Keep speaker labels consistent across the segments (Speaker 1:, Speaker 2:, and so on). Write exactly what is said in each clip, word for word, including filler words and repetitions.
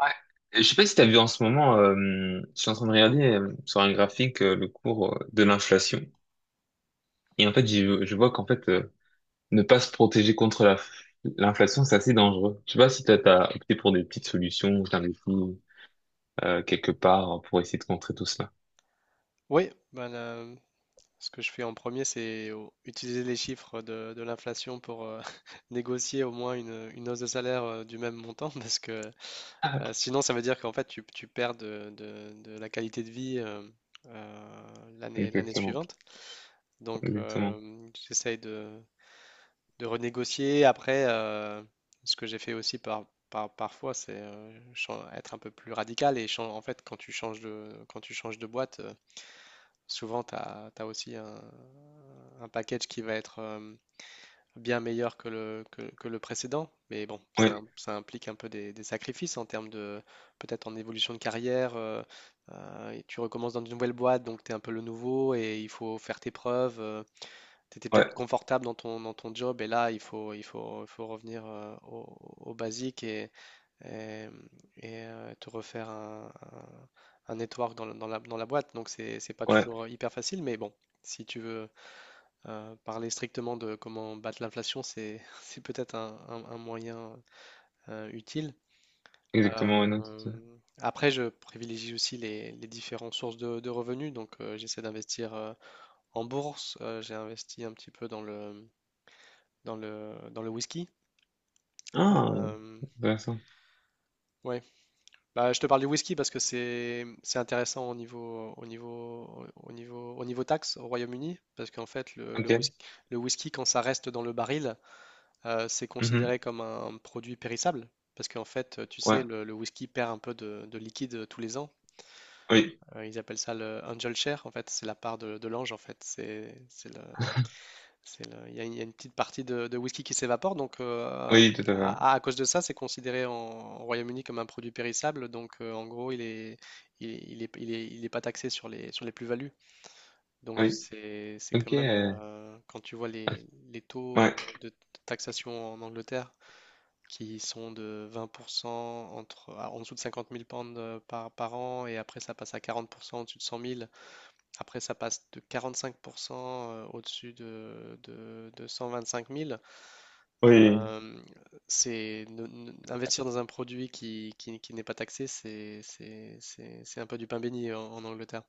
Speaker 1: Ouais. Je sais pas si tu as vu en ce moment, euh, je suis en train de regarder euh, sur un graphique euh, le cours euh, de l'inflation. Et en fait, j'y- je vois qu'en fait, euh, ne pas se protéger contre la, l'inflation, c'est assez dangereux. Je sais pas si toi, t'as opté pour des petites solutions ou t'as investi euh, quelque part hein, pour essayer de contrer tout cela.
Speaker 2: Oui, ben là, ce que je fais en premier, c'est au- utiliser les chiffres de, de l'inflation pour euh, négocier au moins une, une hausse de salaire euh, du même montant, parce que
Speaker 1: Ah,
Speaker 2: euh, sinon, ça veut dire qu'en fait, tu, tu perds de, de- de la qualité de vie euh, euh, l'année, l'année
Speaker 1: exactement,
Speaker 2: suivante. Donc,
Speaker 1: exactement.
Speaker 2: euh, j'essaye de, de renégocier. Après, euh, ce que j'ai fait aussi par, par- parfois, c'est euh, chan- être un peu plus radical. Et chan- en fait, quand tu changes de, quand tu changes de boîte, euh, souvent, tu as, aussi un, un package qui va être euh, bien meilleur que le, que, que le précédent, mais bon, ça,
Speaker 1: Ouais,
Speaker 2: im- ça implique un peu des, des sacrifices en termes de peut-être en évolution de carrière. Euh, euh, et tu recommences dans une nouvelle boîte, donc tu es un peu le nouveau et il faut faire tes preuves. Euh, t'étais peut-être
Speaker 1: ouais,
Speaker 2: confortable dans ton, dans ton job et là, il faut, il faut, il faut revenir euh, au, au basique et, et, et, euh, te refaire un, un, un network dans, le- dans la, dans la boîte. Donc, c'est, c'est pas
Speaker 1: ouais,
Speaker 2: toujours hyper facile, mais bon, si tu veux euh, parler strictement de comment battre l'inflation, c'est c'est peut-être un, un- un moyen euh, utile.
Speaker 1: exactement. Ouais, non, tout ça.
Speaker 2: Euh, après, je privilégie aussi les, les différentes sources de, de revenus. Donc, euh, j'essaie d'investir euh, en bourse. Euh, j'ai investi un petit peu dans le, dans le, dans le whisky.
Speaker 1: Ah,
Speaker 2: Euh,
Speaker 1: intéressant.
Speaker 2: ouais. Bah, je te parle du whisky parce que c'est, c'est intéressant au niveau, au niveau, au niveau, au niveau taxe au Royaume-Uni. Parce qu'en fait, le, le
Speaker 1: Ok.
Speaker 2: whis- le whisky, quand ça reste dans le baril, euh, c'est
Speaker 1: Mhm.
Speaker 2: considéré comme un produit périssable. Parce qu'en fait, euh, tu sais,
Speaker 1: Ouais,
Speaker 2: le, le whisky perd un peu de, de liquide euh, tous les ans.
Speaker 1: oui.
Speaker 2: Euh, ils appellent ça le angel share, en fait, c'est la part de, de l'ange, en fait. C'est, c'est le, c'est le- il y a, une il y a une petite partie de, de whisky qui s'évapore, donc euh,
Speaker 1: Oui, tout à fait.
Speaker 2: à, à- à cause de ça, c'est considéré en, au Royaume-Uni comme un produit périssable. Donc euh, en gros, il est, il, il est, il est, il est pas taxé sur les, sur les plus-values. Donc
Speaker 1: Oui.
Speaker 2: c'est, c'est quand
Speaker 1: Ok.
Speaker 2: même,
Speaker 1: Euh,
Speaker 2: euh, quand tu vois
Speaker 1: ah,
Speaker 2: les, les taux euh,
Speaker 1: ouais.
Speaker 2: de taxation en Angleterre qui sont de vingt pour cent entre, ah, en dessous de cinquante mille pounds euh, par, par an, et après ça passe à quarante pour cent au-dessus de cent mille. Après ça passe de quarante-cinq pour cent euh, au-dessus de, de, de cent vingt-cinq mille.
Speaker 1: Oui.
Speaker 2: Euh, c'est ne- ne- Investir dans un produit qui, qui, qui n'est pas taxé, c'est, c'est, c'est, c'est un peu du pain béni en, en Angleterre.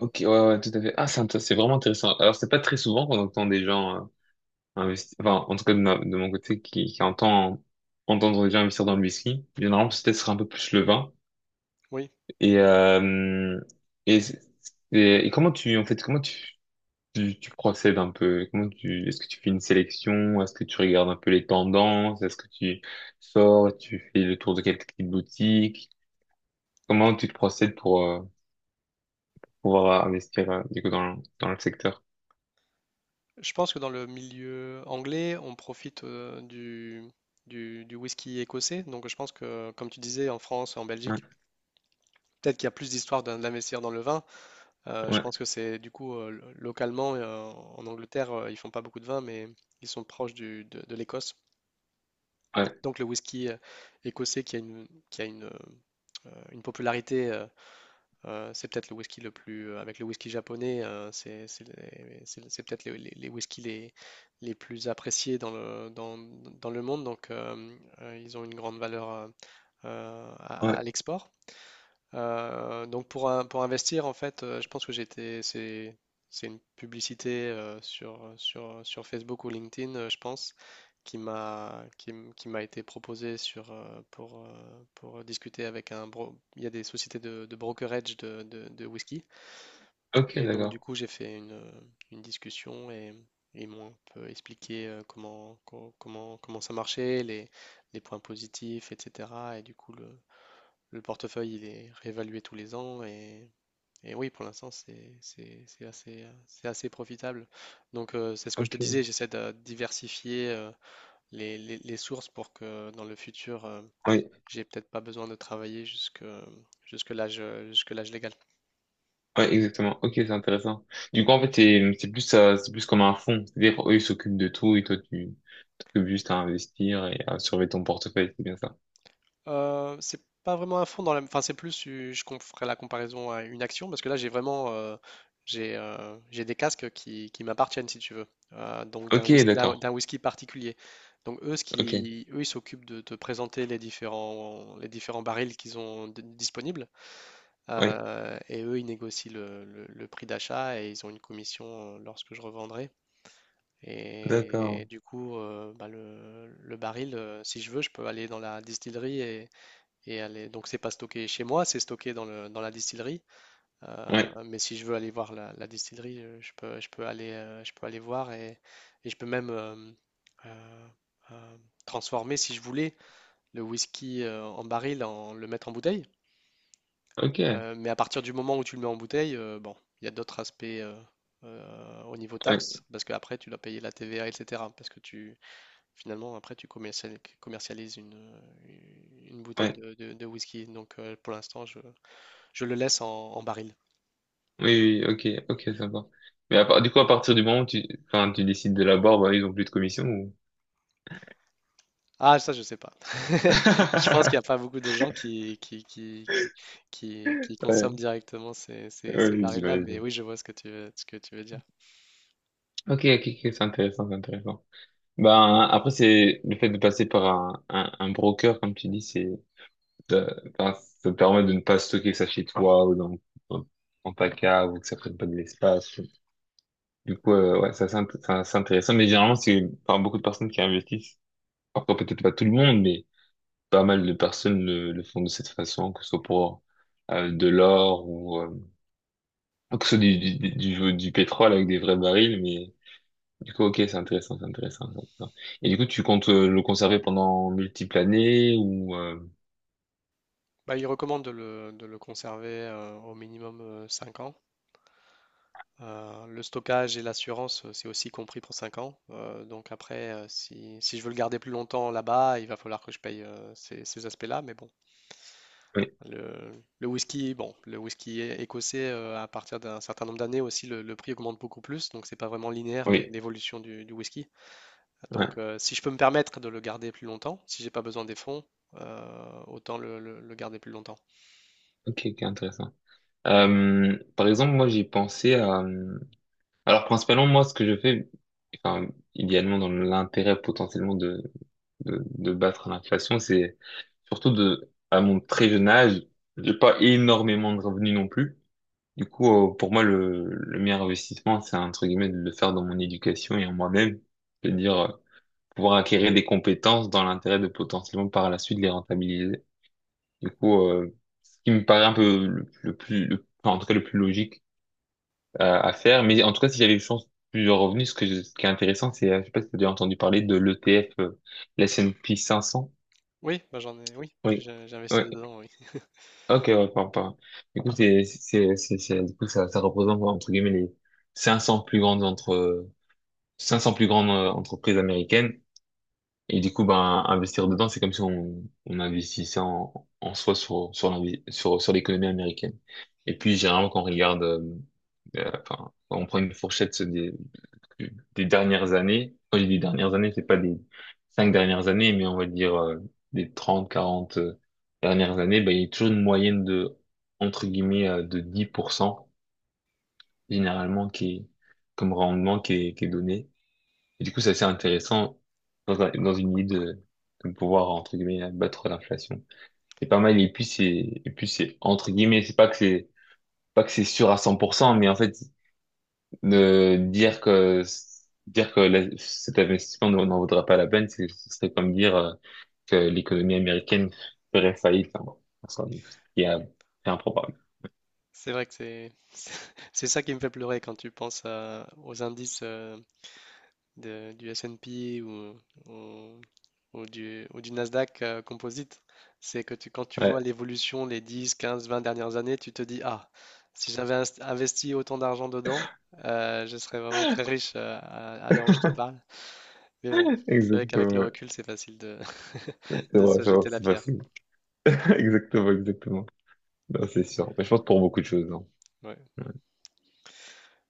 Speaker 1: Ok, ouais, ouais, tout à fait. Ah, c'est int- c'est vraiment intéressant. Alors, c'est pas très souvent qu'on entend des gens euh, investir, enfin, en tout cas de, ma- de mon côté, qui, qui entend entendre des gens investir dans le whisky. Généralement, peut-être ce sera un peu plus le vin.
Speaker 2: Oui,
Speaker 1: Et, euh, et, c'est- et, et comment tu, en fait, comment tu, tu, tu procèdes un peu? Comment tu, est-ce que tu fais une sélection? Est-ce que tu regardes un peu les tendances? Est-ce que tu sors, tu fais le tour de quelques petites boutiques? Comment tu te procèdes pour, euh, pouvoir investir euh, du coup dans, le- dans le secteur.
Speaker 2: je pense que dans le milieu anglais, on profite euh, du, du, du whisky écossais. Donc je pense que, comme tu disais, en France, en
Speaker 1: Ouais,
Speaker 2: Belgique, peut-être qu'il y a plus d'histoire d'in- d'investir dans le vin. Euh, je
Speaker 1: ouais,
Speaker 2: pense que c'est du coup euh, lo- localement euh, en Angleterre, euh, ils font pas beaucoup de vin, mais ils sont proches du- de, de l'Écosse.
Speaker 1: ouais,
Speaker 2: Donc le whisky euh, écossais qui a une, qui a une, euh, une popularité, euh, euh, c'est peut-être le whisky le plus, euh, avec le whisky japonais, euh, c'est c'est les- c'est- c'est peut-être les, les, les whiskies les, les plus appréciés dans le, dans, dans le monde. Donc euh, euh, ils ont une grande valeur euh, euh, à, à
Speaker 1: ouais.
Speaker 2: l'export. Euh, donc pour, un- pour investir, en fait, euh, je pense que j'étais, c'est, c'est une publicité euh, sur, sur, sur Facebook ou LinkedIn, euh, je pense, qui m'a, qui, m- qui m'a été proposée sur, euh, pour, euh, pour discuter avec un bro- Il y a des sociétés de, de brokerage de, de, de whisky.
Speaker 1: Ok,
Speaker 2: Et donc, du
Speaker 1: d'accord.
Speaker 2: coup, j'ai fait une, euh, une discussion et ils m'ont un peu expliqué euh, comment, co- comment, comment ça marchait, les, les points positifs, et cetera. Et du coup, le, le portefeuille, il est réévalué tous les ans et, et oui, pour l'instant, c'est c'est- c'est assez, euh, c'est assez profitable. Donc, euh, c'est ce que je te disais,
Speaker 1: Ok.
Speaker 2: j'essaie de diversifier euh, les, les- les sources pour que dans le futur, euh,
Speaker 1: Oui,
Speaker 2: j'ai peut-être pas besoin de travailler jusque, jusque l'âge, jusque l'âge légal.
Speaker 1: ouais, exactement. Ok, c'est intéressant. Du coup, en fait, c'est c'est plus euh, c'est plus comme un fonds. C'est-à-dire, eux, ils s'occupent de tout et toi, tu t'occupes juste à investir et à surveiller ton portefeuille. C'est bien ça.
Speaker 2: Euh, c'est pas vraiment un fond dans la... Enfin, c'est plus, euh, je com- ferai la comparaison à une action, parce que là, j'ai vraiment... euh, j'ai euh, j'ai des casques qui, qui m'appartiennent, si tu veux, euh, donc d'un
Speaker 1: Ok,
Speaker 2: whis- d'un-
Speaker 1: d'accord.
Speaker 2: d'un whisky particulier. Donc eux, ce
Speaker 1: Ok.
Speaker 2: qui, eux, ils s'occupent de te présenter les différents, les différents barils qu'ils ont d- disponibles,
Speaker 1: Ouais,
Speaker 2: euh, et eux, ils négocient le, le- le prix d'achat et ils ont une commission euh, lorsque je revendrai.
Speaker 1: d'accord.
Speaker 2: Et du coup, euh, bah, le, le baril, euh, si je veux, je peux aller dans la distillerie et aller. Donc c'est pas stocké chez moi, c'est stocké dans le, dans la distillerie.
Speaker 1: Ouais.
Speaker 2: Euh, mais si je veux aller voir la, la distillerie, euh, je peux, je peux aller, euh, je peux aller voir et, et je peux même euh, euh, euh, transformer, si je voulais, le whisky euh, en baril, en le mettre en bouteille.
Speaker 1: Ok. Ouais,
Speaker 2: Euh, mais à partir du moment où tu le mets en bouteille, euh, bon, il y a d'autres aspects euh, euh, au niveau taxe, parce qu'après tu dois payer la T V A, et cetera. Parce que tu, finalement, après tu commercial- commercialises une, une bouteille
Speaker 1: ouais.
Speaker 2: de, de- de whisky. Donc euh, pour l'instant, je, je le laisse en, en baril.
Speaker 1: Oui, oui, oui. Ok, ok, sympa. Mais à part, du coup, à partir du moment où tu, enfin, tu décides de la barre, bah, ils ont plus de commission ou?
Speaker 2: Ah, ça, je sais pas. Je pense qu'il n'y a pas beaucoup de gens qui, qui, qui, qui, qui- qui
Speaker 1: Ouais,
Speaker 2: consomment directement ces, ces- ces
Speaker 1: ouais,
Speaker 2: barils-là, mais
Speaker 1: j'imagine.
Speaker 2: oui, je vois ce que tu veux, ce que tu veux dire.
Speaker 1: Ok, ok, ok, c'est intéressant, c'est intéressant. Ben, après, c'est le fait de passer par un, un, un broker, comme tu dis, c'est, ça, enfin, ça te permet de ne pas stocker ça chez toi ou dans, dans, dans ta cave ou que ça prenne pas de l'espace. Du coup, euh, ouais, ça, c'est int- ça, c'est intéressant. Mais généralement, c'est par beaucoup de personnes qui investissent. Encore peut-être pas tout le monde, mais pas mal de personnes le, le font de cette façon, que ce soit pour euh, de l'or ou euh, que ce soit du, du, du, du du pétrole avec des vrais barils, mais du coup, ok, c'est intéressant, c'est intéressant, c'est intéressant. Et du coup, tu comptes euh, le conserver pendant multiples années ou euh,
Speaker 2: Bah, il recommande de le, de le conserver euh, au minimum euh, cinq ans. Euh, le stockage et l'assurance, euh, c'est aussi compris pour cinq ans. Euh, donc après, euh, si, si je veux le garder plus longtemps là-bas, il va falloir que je paye euh, ces, ces aspects-là, mais bon,
Speaker 1: Oui,
Speaker 2: Le, le whisky, bon, le whisky é- écossais, euh, à partir d'un certain nombre d'années aussi, le, le prix augmente beaucoup plus, donc c'est pas vraiment linéaire l'é-
Speaker 1: oui,
Speaker 2: l'évolution du, du whisky. Donc,
Speaker 1: ouais.
Speaker 2: euh, si je peux me permettre de le garder plus longtemps, si j'ai pas besoin des fonds, euh, autant le, le- le garder plus longtemps.
Speaker 1: Ok, ok, intéressant. Euh, par exemple, moi, j'ai pensé à. euh, Alors, principalement, moi, ce que je fais, enfin, idéalement, dans l'intérêt potentiellement de, de de battre l'inflation, c'est surtout de, à mon très jeune âge, j'ai pas énormément de revenus non plus. Du coup, euh, pour moi, le, le meilleur investissement, c'est entre guillemets de le faire dans mon éducation et en moi-même. C'est-à-dire euh, pouvoir acquérir des compétences dans l'intérêt de potentiellement par la suite les rentabiliser. Du coup, euh, ce qui me paraît un peu le, le plus, le- enfin, en tout cas le plus logique à, à faire. Mais en tout cas, si j'avais eu chance plusieurs revenus, ce que je- ce qui est intéressant. C'est, euh, je sais pas si tu as déjà entendu parler de l'E T F, euh, l'S and P cinq cents.
Speaker 2: Oui, bah j'en ai, oui,
Speaker 1: Oui.
Speaker 2: j'ai j'ai investi
Speaker 1: Oui.
Speaker 2: dedans, oui.
Speaker 1: Ok, ouais, pardon, pardon. Du coup, c'est, c'est, c'est, c'est- du coup, ça, ça représente, entre guillemets, les cinq cents plus grandes entre, cinq cents plus grandes euh, entreprises américaines. Et du coup, ben, investir dedans, c'est comme si on, on investissait en, en soi sur, sur, l'invi- sur, sur l'économie américaine. Et puis, généralement, quand on regarde, euh, euh, enfin, quand on prend une fourchette des, des dernières années, quand je dis dernières années, c'est pas des cinq dernières années, mais on va dire euh, des trente quarante euh, dernières années, ben, il y a toujours une moyenne de, entre guillemets, euh, de dix pour cent généralement, qui est, comme rendement qui est, qui est donné. Et du coup, c'est assez intéressant dans, un- dans une idée de, de pouvoir, entre guillemets, battre l'inflation. C'est pas mal. Et puis, c'est, et puis, c'est, entre guillemets, c'est pas que c'est, pas que c'est sûr à cent pour cent mais en fait, ne dire que, dire que la- cet investissement n'en n'en vaudra pas la peine, c'est- ce serait comme dire euh, que l'économie américaine ferait faillite. Hein. Enfin, bon, en soi, donc, ce qui est un- c'est improbable.
Speaker 2: C'est vrai que c'est c'est ça qui me fait pleurer quand tu penses à- aux indices euh, de- du S et P ou, ou- ou du, ou du Nasdaq euh, Composite, c'est que tu, quand tu vois
Speaker 1: Ouais,
Speaker 2: l'évolution les dix, quinze, vingt dernières années, tu te dis, ah, si j'avais inst- investi autant d'argent dedans, euh, je serais vraiment très riche euh, à, à l'heure où je te parle. Mais bon, c'est vrai qu'avec
Speaker 1: exactement.
Speaker 2: le
Speaker 1: Ouais.
Speaker 2: recul, c'est facile de,
Speaker 1: C'est
Speaker 2: de
Speaker 1: vrai,
Speaker 2: se
Speaker 1: c'est vrai,
Speaker 2: jeter la
Speaker 1: c'est
Speaker 2: pierre.
Speaker 1: facile. Exactement, exactement. Non, c'est sûr. Mais je pense pour beaucoup de choses, hein.
Speaker 2: Ouais.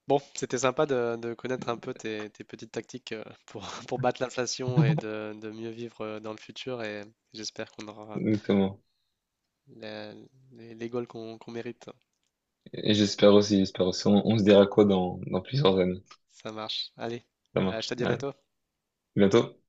Speaker 2: Bon, c'était sympa de, de connaître un peu tes, tes petites tactiques euh, pour, pour battre l'inflation et de, de mieux vivre euh, dans le futur et j'espère qu'on aura
Speaker 1: Exactement.
Speaker 2: La- les, les goals qu'on qu'on mérite.
Speaker 1: Et j'espère aussi, j'espère aussi. On, on se dira quoi dans, dans plusieurs années.
Speaker 2: Ça marche. Allez,
Speaker 1: Ça
Speaker 2: Euh, je
Speaker 1: marche.
Speaker 2: te dis à
Speaker 1: Allez, à
Speaker 2: bientôt.
Speaker 1: bientôt.